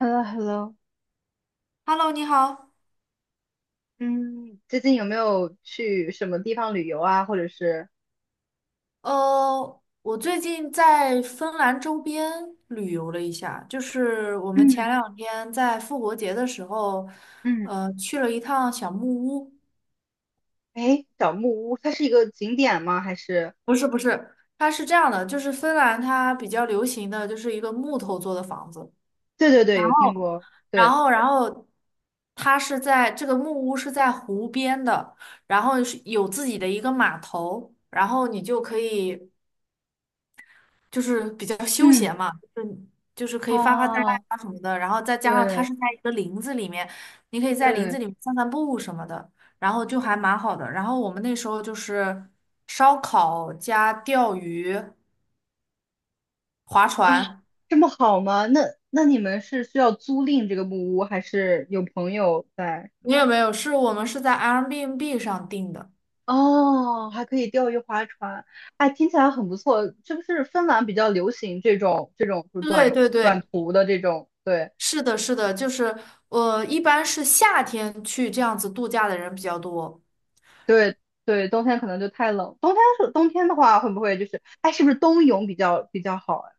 h e l l o h e l l o Hello，你好。嗯，最近有没有去什么地方旅游啊？或者是，我最近在芬兰周边旅游了一下，就是我们嗯前两天在复活节的时候，嗯，去了一趟小木屋。哎，小木屋，它是一个景点吗？还是？不是不是，它是这样的，就是芬兰它比较流行的就是一个木头做的房子，对对对，有听过。然对，后然后它是在这个木屋是在湖边的，然后是有自己的一个码头，然后你就可以。就是比较休嗯，闲嘛，就是可以发发呆啊，啊什么的，然后再加上它对是在一个林子里面，你可以在林对，子里面散散步什么的，然后就还蛮好的。然后我们那时候就是烧烤加钓鱼、划啊，船，这么好吗？那你们是需要租赁这个木屋，还是有朋友在？没有没有，是我们是在 Airbnb 上订的。哦，还可以钓鱼划船，哎，听起来很不错。是不是芬兰比较流行这种就是对对短对，途的这种？对。是的，是的，就是我一般是夏天去这样子度假的人比较多。对对，冬天可能就太冷。冬天的话，会不会就是哎，是不是冬泳比较好啊？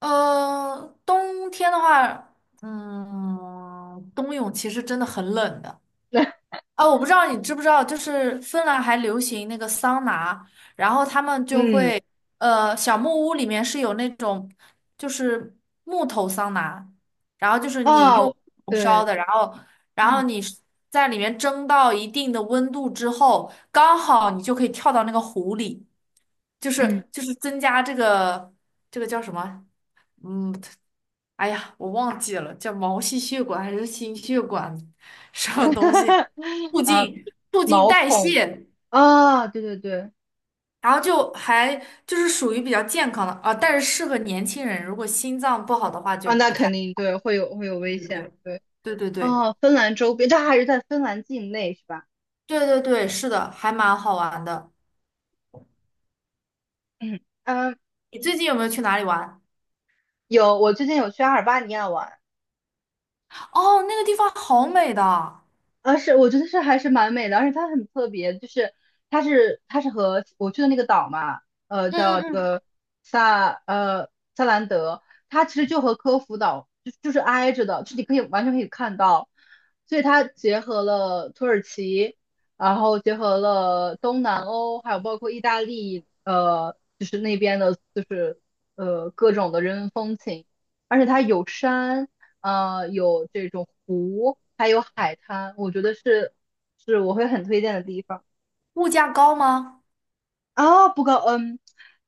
冬天的话，冬泳其实真的很冷的 啊。我不知道你知不知道，就是芬兰还流行那个桑拿，然后他们就嗯，会，小木屋里面是有那种就是木头桑拿，然后就是你用哦，火对，烧的，然后嗯你在里面蒸到一定的温度之后，刚好你就可以跳到那个湖里，就嗯，是就是增加这个叫什么？嗯，哎呀，我忘记了叫毛细血管还是心血管什么东西，促啊，进促进毛代孔谢，啊，对对对，然后就还就是属于比较健康的啊，但是适合年轻人，如果心脏不好的话就啊，那不太，肯定对，会有危对险，对对，对对对哦，芬兰周边，这还是在芬兰境内是吧？对对对对，是的，还蛮好玩的。嗯嗯，你最近有没有去哪里玩？有，我最近有去阿尔巴尼亚玩，哦，那个地方好美的，啊，是，我觉得是还是蛮美的，而且它很特别，就是它是和我去的那个岛嘛，嗯叫嗯这嗯个萨呃萨兰德，它其实就和科孚岛就是挨着的，就你可以完全可以看到，所以它结合了土耳其，然后结合了东南欧，还有包括意大利，就是那边的，就是各种的人文风情，而且它有山。有这种湖，还有海滩，我觉得是我会很推荐的地方。物价高吗？啊，不高，嗯，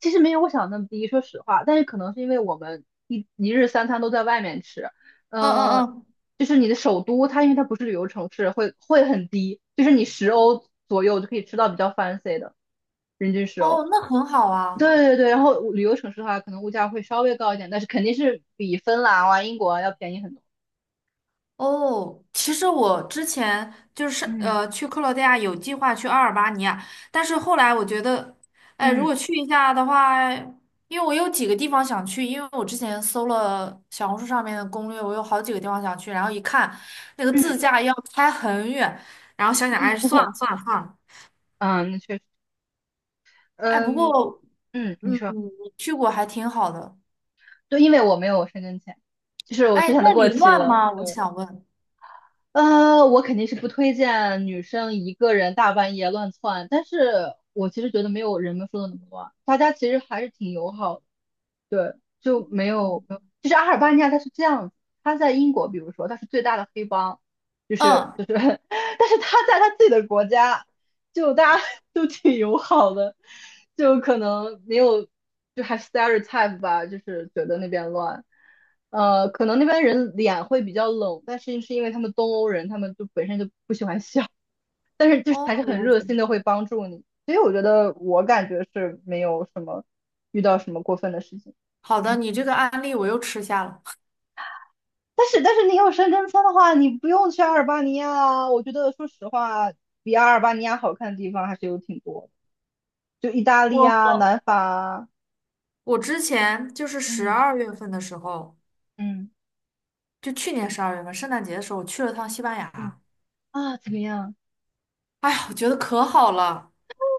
其实没有我想的那么低，说实话，但是可能是因为我们一日三餐都在外面吃，嗯嗯呃，嗯，就是你的首都，它因为它不是旅游城市，会很低，就是你十欧左右就可以吃到比较 fancy 的，人均十欧。哦，那很好啊。对对对，然后旅游城市的话，可能物价会稍微高一点，但是肯定是比芬兰啊、英国啊要便宜很多。哦，其实我之前就是嗯去克罗地亚有计划去阿尔巴尼亚，但是后来我觉得，哎，如嗯，果去一下的话，因为我有几个地方想去，因为我之前搜了小红书上面的攻略，我有好几个地方想去，然后一看那个自嗯，驾要开很远，然后想想，哎，算 了算了算了，嗯，那确实，哎，不嗯过嗯，你说，你去过还挺好的，对，因为我没有申根签，就是我之哎，前的那过里期乱了。吗？我对，想问。我肯定是不推荐女生一个人大半夜乱窜，但是我其实觉得没有人们说的那么多，大家其实还是挺友好的。对，就没有，没有就是阿尔巴尼亚它是这样子，它在英国，比如说它是最大的黑帮，就是嗯，就是，但是它在它自己的国家，就大家 都挺友好的，就可能没有，就还 stereotype 吧，就是觉得那边乱，可能那边人脸会比较冷，但是是因为他们东欧人，他们就本身就不喜欢笑，但是就是哦，还是很了热解。心的会帮助你，所以我觉得我感觉是没有什么遇到什么过分的事情。好的，你这个案例我又吃下了。但是你有深根签的话，你不用去阿尔巴尼亚啊。我觉得说实话，比阿尔巴尼亚好看的地方还是有挺多的，就意大利啊、我。南法啊，我之前就是十嗯二月份的时候，嗯就去年十二月份圣诞节的时候，我去了趟西班嗯，牙。啊，怎么样？哎呀，我觉得可好了。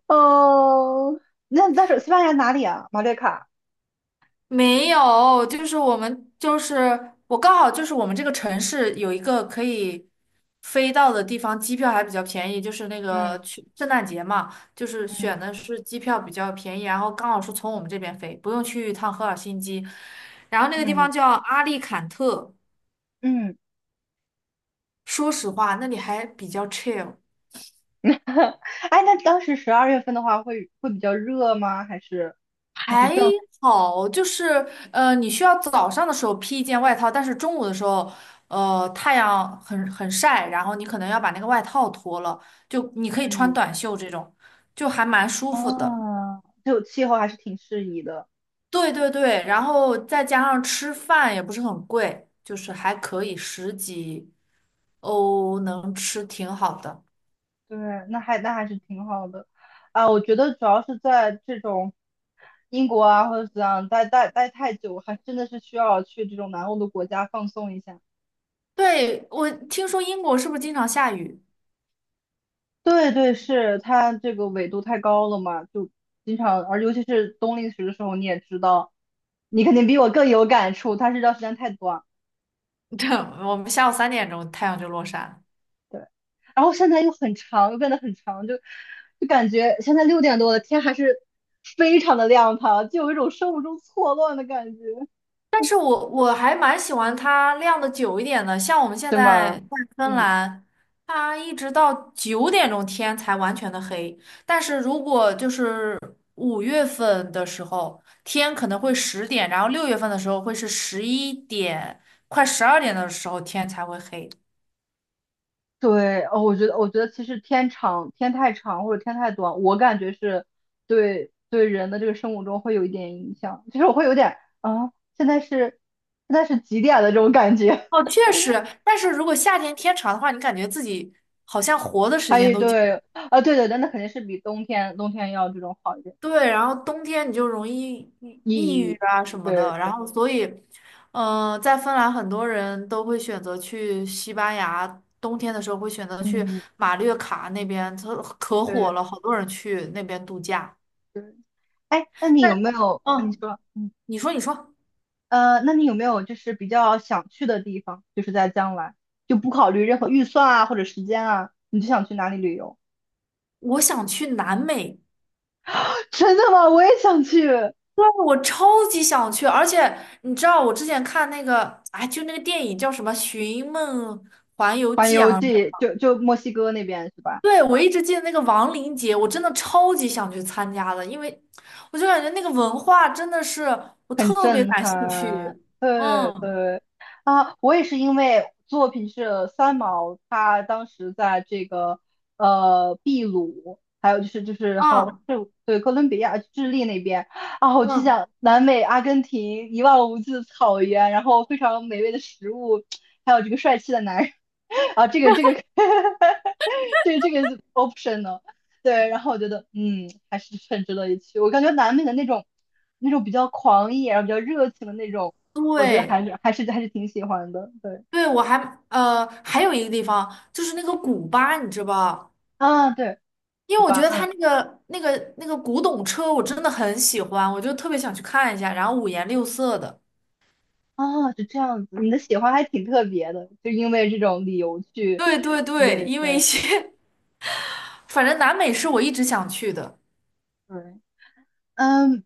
哦，那你是西班牙哪里啊？马略卡。没有，就是我们就是我刚好就是我们这个城市有一个可以飞到的地方，机票还比较便宜，就是那个嗯去圣诞节嘛，就是嗯选的是机票比较便宜，然后刚好是从我们这边飞，不用去一趟赫尔辛基。然后那个地嗯方叫阿利坎特，嗯，说实话，那里还比较 chill。哎，那当时12月份的话会比较热吗？还是还正？好，就是你需要早上的时候披一件外套，但是中午的时候，太阳很晒，然后你可能要把那个外套脱了，就你可以穿嗯，短袖这种，就还蛮舒服的。啊，就气候还是挺适宜的。对对对，然后再加上吃饭也不是很贵，就是还可以十几欧能吃挺好的。对，那还是挺好的，啊，我觉得主要是在这种英国啊或者怎样待太久，还真的是需要去这种南欧的国家放松一下。对，我听说英国是不是经常下雨？对对，是它这个纬度太高了嘛，就经常，而尤其是冬令时的时候，你也知道，你肯定比我更有感触，它日照时间太短，对，我们下午3点钟太阳就落山了。对，然后现在又很长，又变得很长，就感觉现在6点多了，天还是非常的亮堂，就有一种生物钟错乱的感觉。但是我还蛮喜欢它晾的久一点的，像我们现对在吗？在芬嗯，兰，它一直到9点钟天才完全的黑。但是如果就是5月份的时候，天可能会10点，然后6月份的时候会是11点，快12点的时候天才会黑。对，哦，我觉得其实天长、天太长或者天太短，我感觉是对人的这个生物钟会有一点影响，其实我会有点啊，现在是几点的这种感觉。哦，确实，但是如果夏天天长的话，你感觉自己好像活的 时还间有都久。对，啊，对对，但那肯定是比冬天要这种好一点。对，然后冬天你就容易抑抑郁郁，啊什么对的，然对，后所以，在芬兰很多人都会选择去西班牙，冬天的时候会选择去嗯，马略卡那边，它可火对了，好多人去那边度假。对。哎，那你但，有没有？那你嗯，说。嗯，你说你说，那你有没有就是比较想去的地方？就是在将来，就不考虑任何预算啊或者时间啊，你就想去哪里旅游？我想去南美，真的吗？我也想去对，我超级想去，而且你知道我之前看那个，哎，就那个电影叫什么《寻梦环游环记》游啊，记，就墨西哥那边是吧？对，我一直记得那个亡灵节，我真的超级想去参加的，因为我就感觉那个文化真的是我很特别震感兴撼，趣。对嗯对，啊，我也是因为作品是三毛，他当时在这个秘鲁，还有就是好嗯是对哥伦比亚、智利那边，啊，我就嗯，想南美阿根廷一望无际的草原，然后非常美味的食物，还有这个帅气的男人。 啊，这个 这个 option。 对，然后我觉得，嗯，还是很值得一去。我感觉南美的那种比较狂野，然后比较热情的那种，我觉得对还是挺喜欢的。对，对，还有一个地方就是那个古巴，你知道吧？啊，对，因古为我觉巴，得它嗯，那个古董车我真的很喜欢，我就特别想去看一下，然后五颜六色的。啊，是这样子。你的喜欢还挺特别的，就因为这种理由去对对对，旅，因为一对些 反正南美是我一直想去的。对，嗯，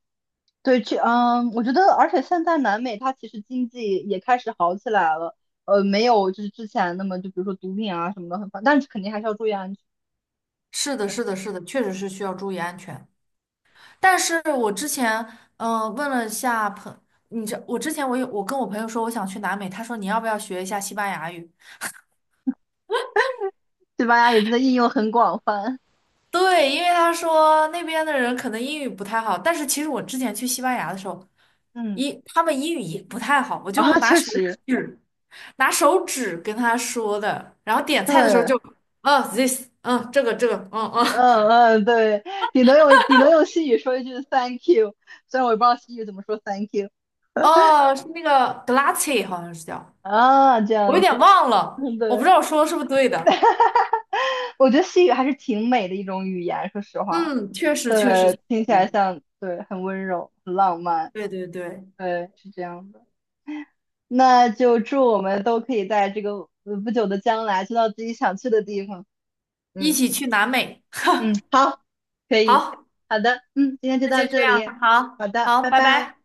对，去，嗯，我觉得，而且现在南美它其实经济也开始好起来了，没有就是之前那么就比如说毒品啊什么的很烦，但是肯定还是要注意安全。是的，是的，是的，确实是需要注意安全。但是我之前问了一下你知我之前我有我跟我朋友说我想去南美，他说你要不要学一下西班牙语？西班牙语真的应用很广泛，对，因为他说那边的人可能英语不太好，但是其实我之前去西班牙的时候，嗯，他们英语也不太好，我就啊，确实，指拿手指跟他说的，然后点菜的时候对，就，哦，this，这个，嗯嗯，嗯嗯，对，顶多用西语说一句 thank you，虽然我也不知道西语怎么说 thank you。 哦，是那个 glace 好像是叫，啊，这我有样点子，忘了，嗯，我不对，知道我说的是不是对的。我觉得西语还是挺美的一种语言，说实话，嗯，确实确实。对，听起来像，对，很温柔，很浪漫，对对对，对，是这样的。那就祝我们都可以在这个不久的将来去到自己想去的地方，一嗯起去南美。嗯，好，可以，好，好的，嗯，今天就那到就这这样，里，好好的，好，拜拜拜。拜。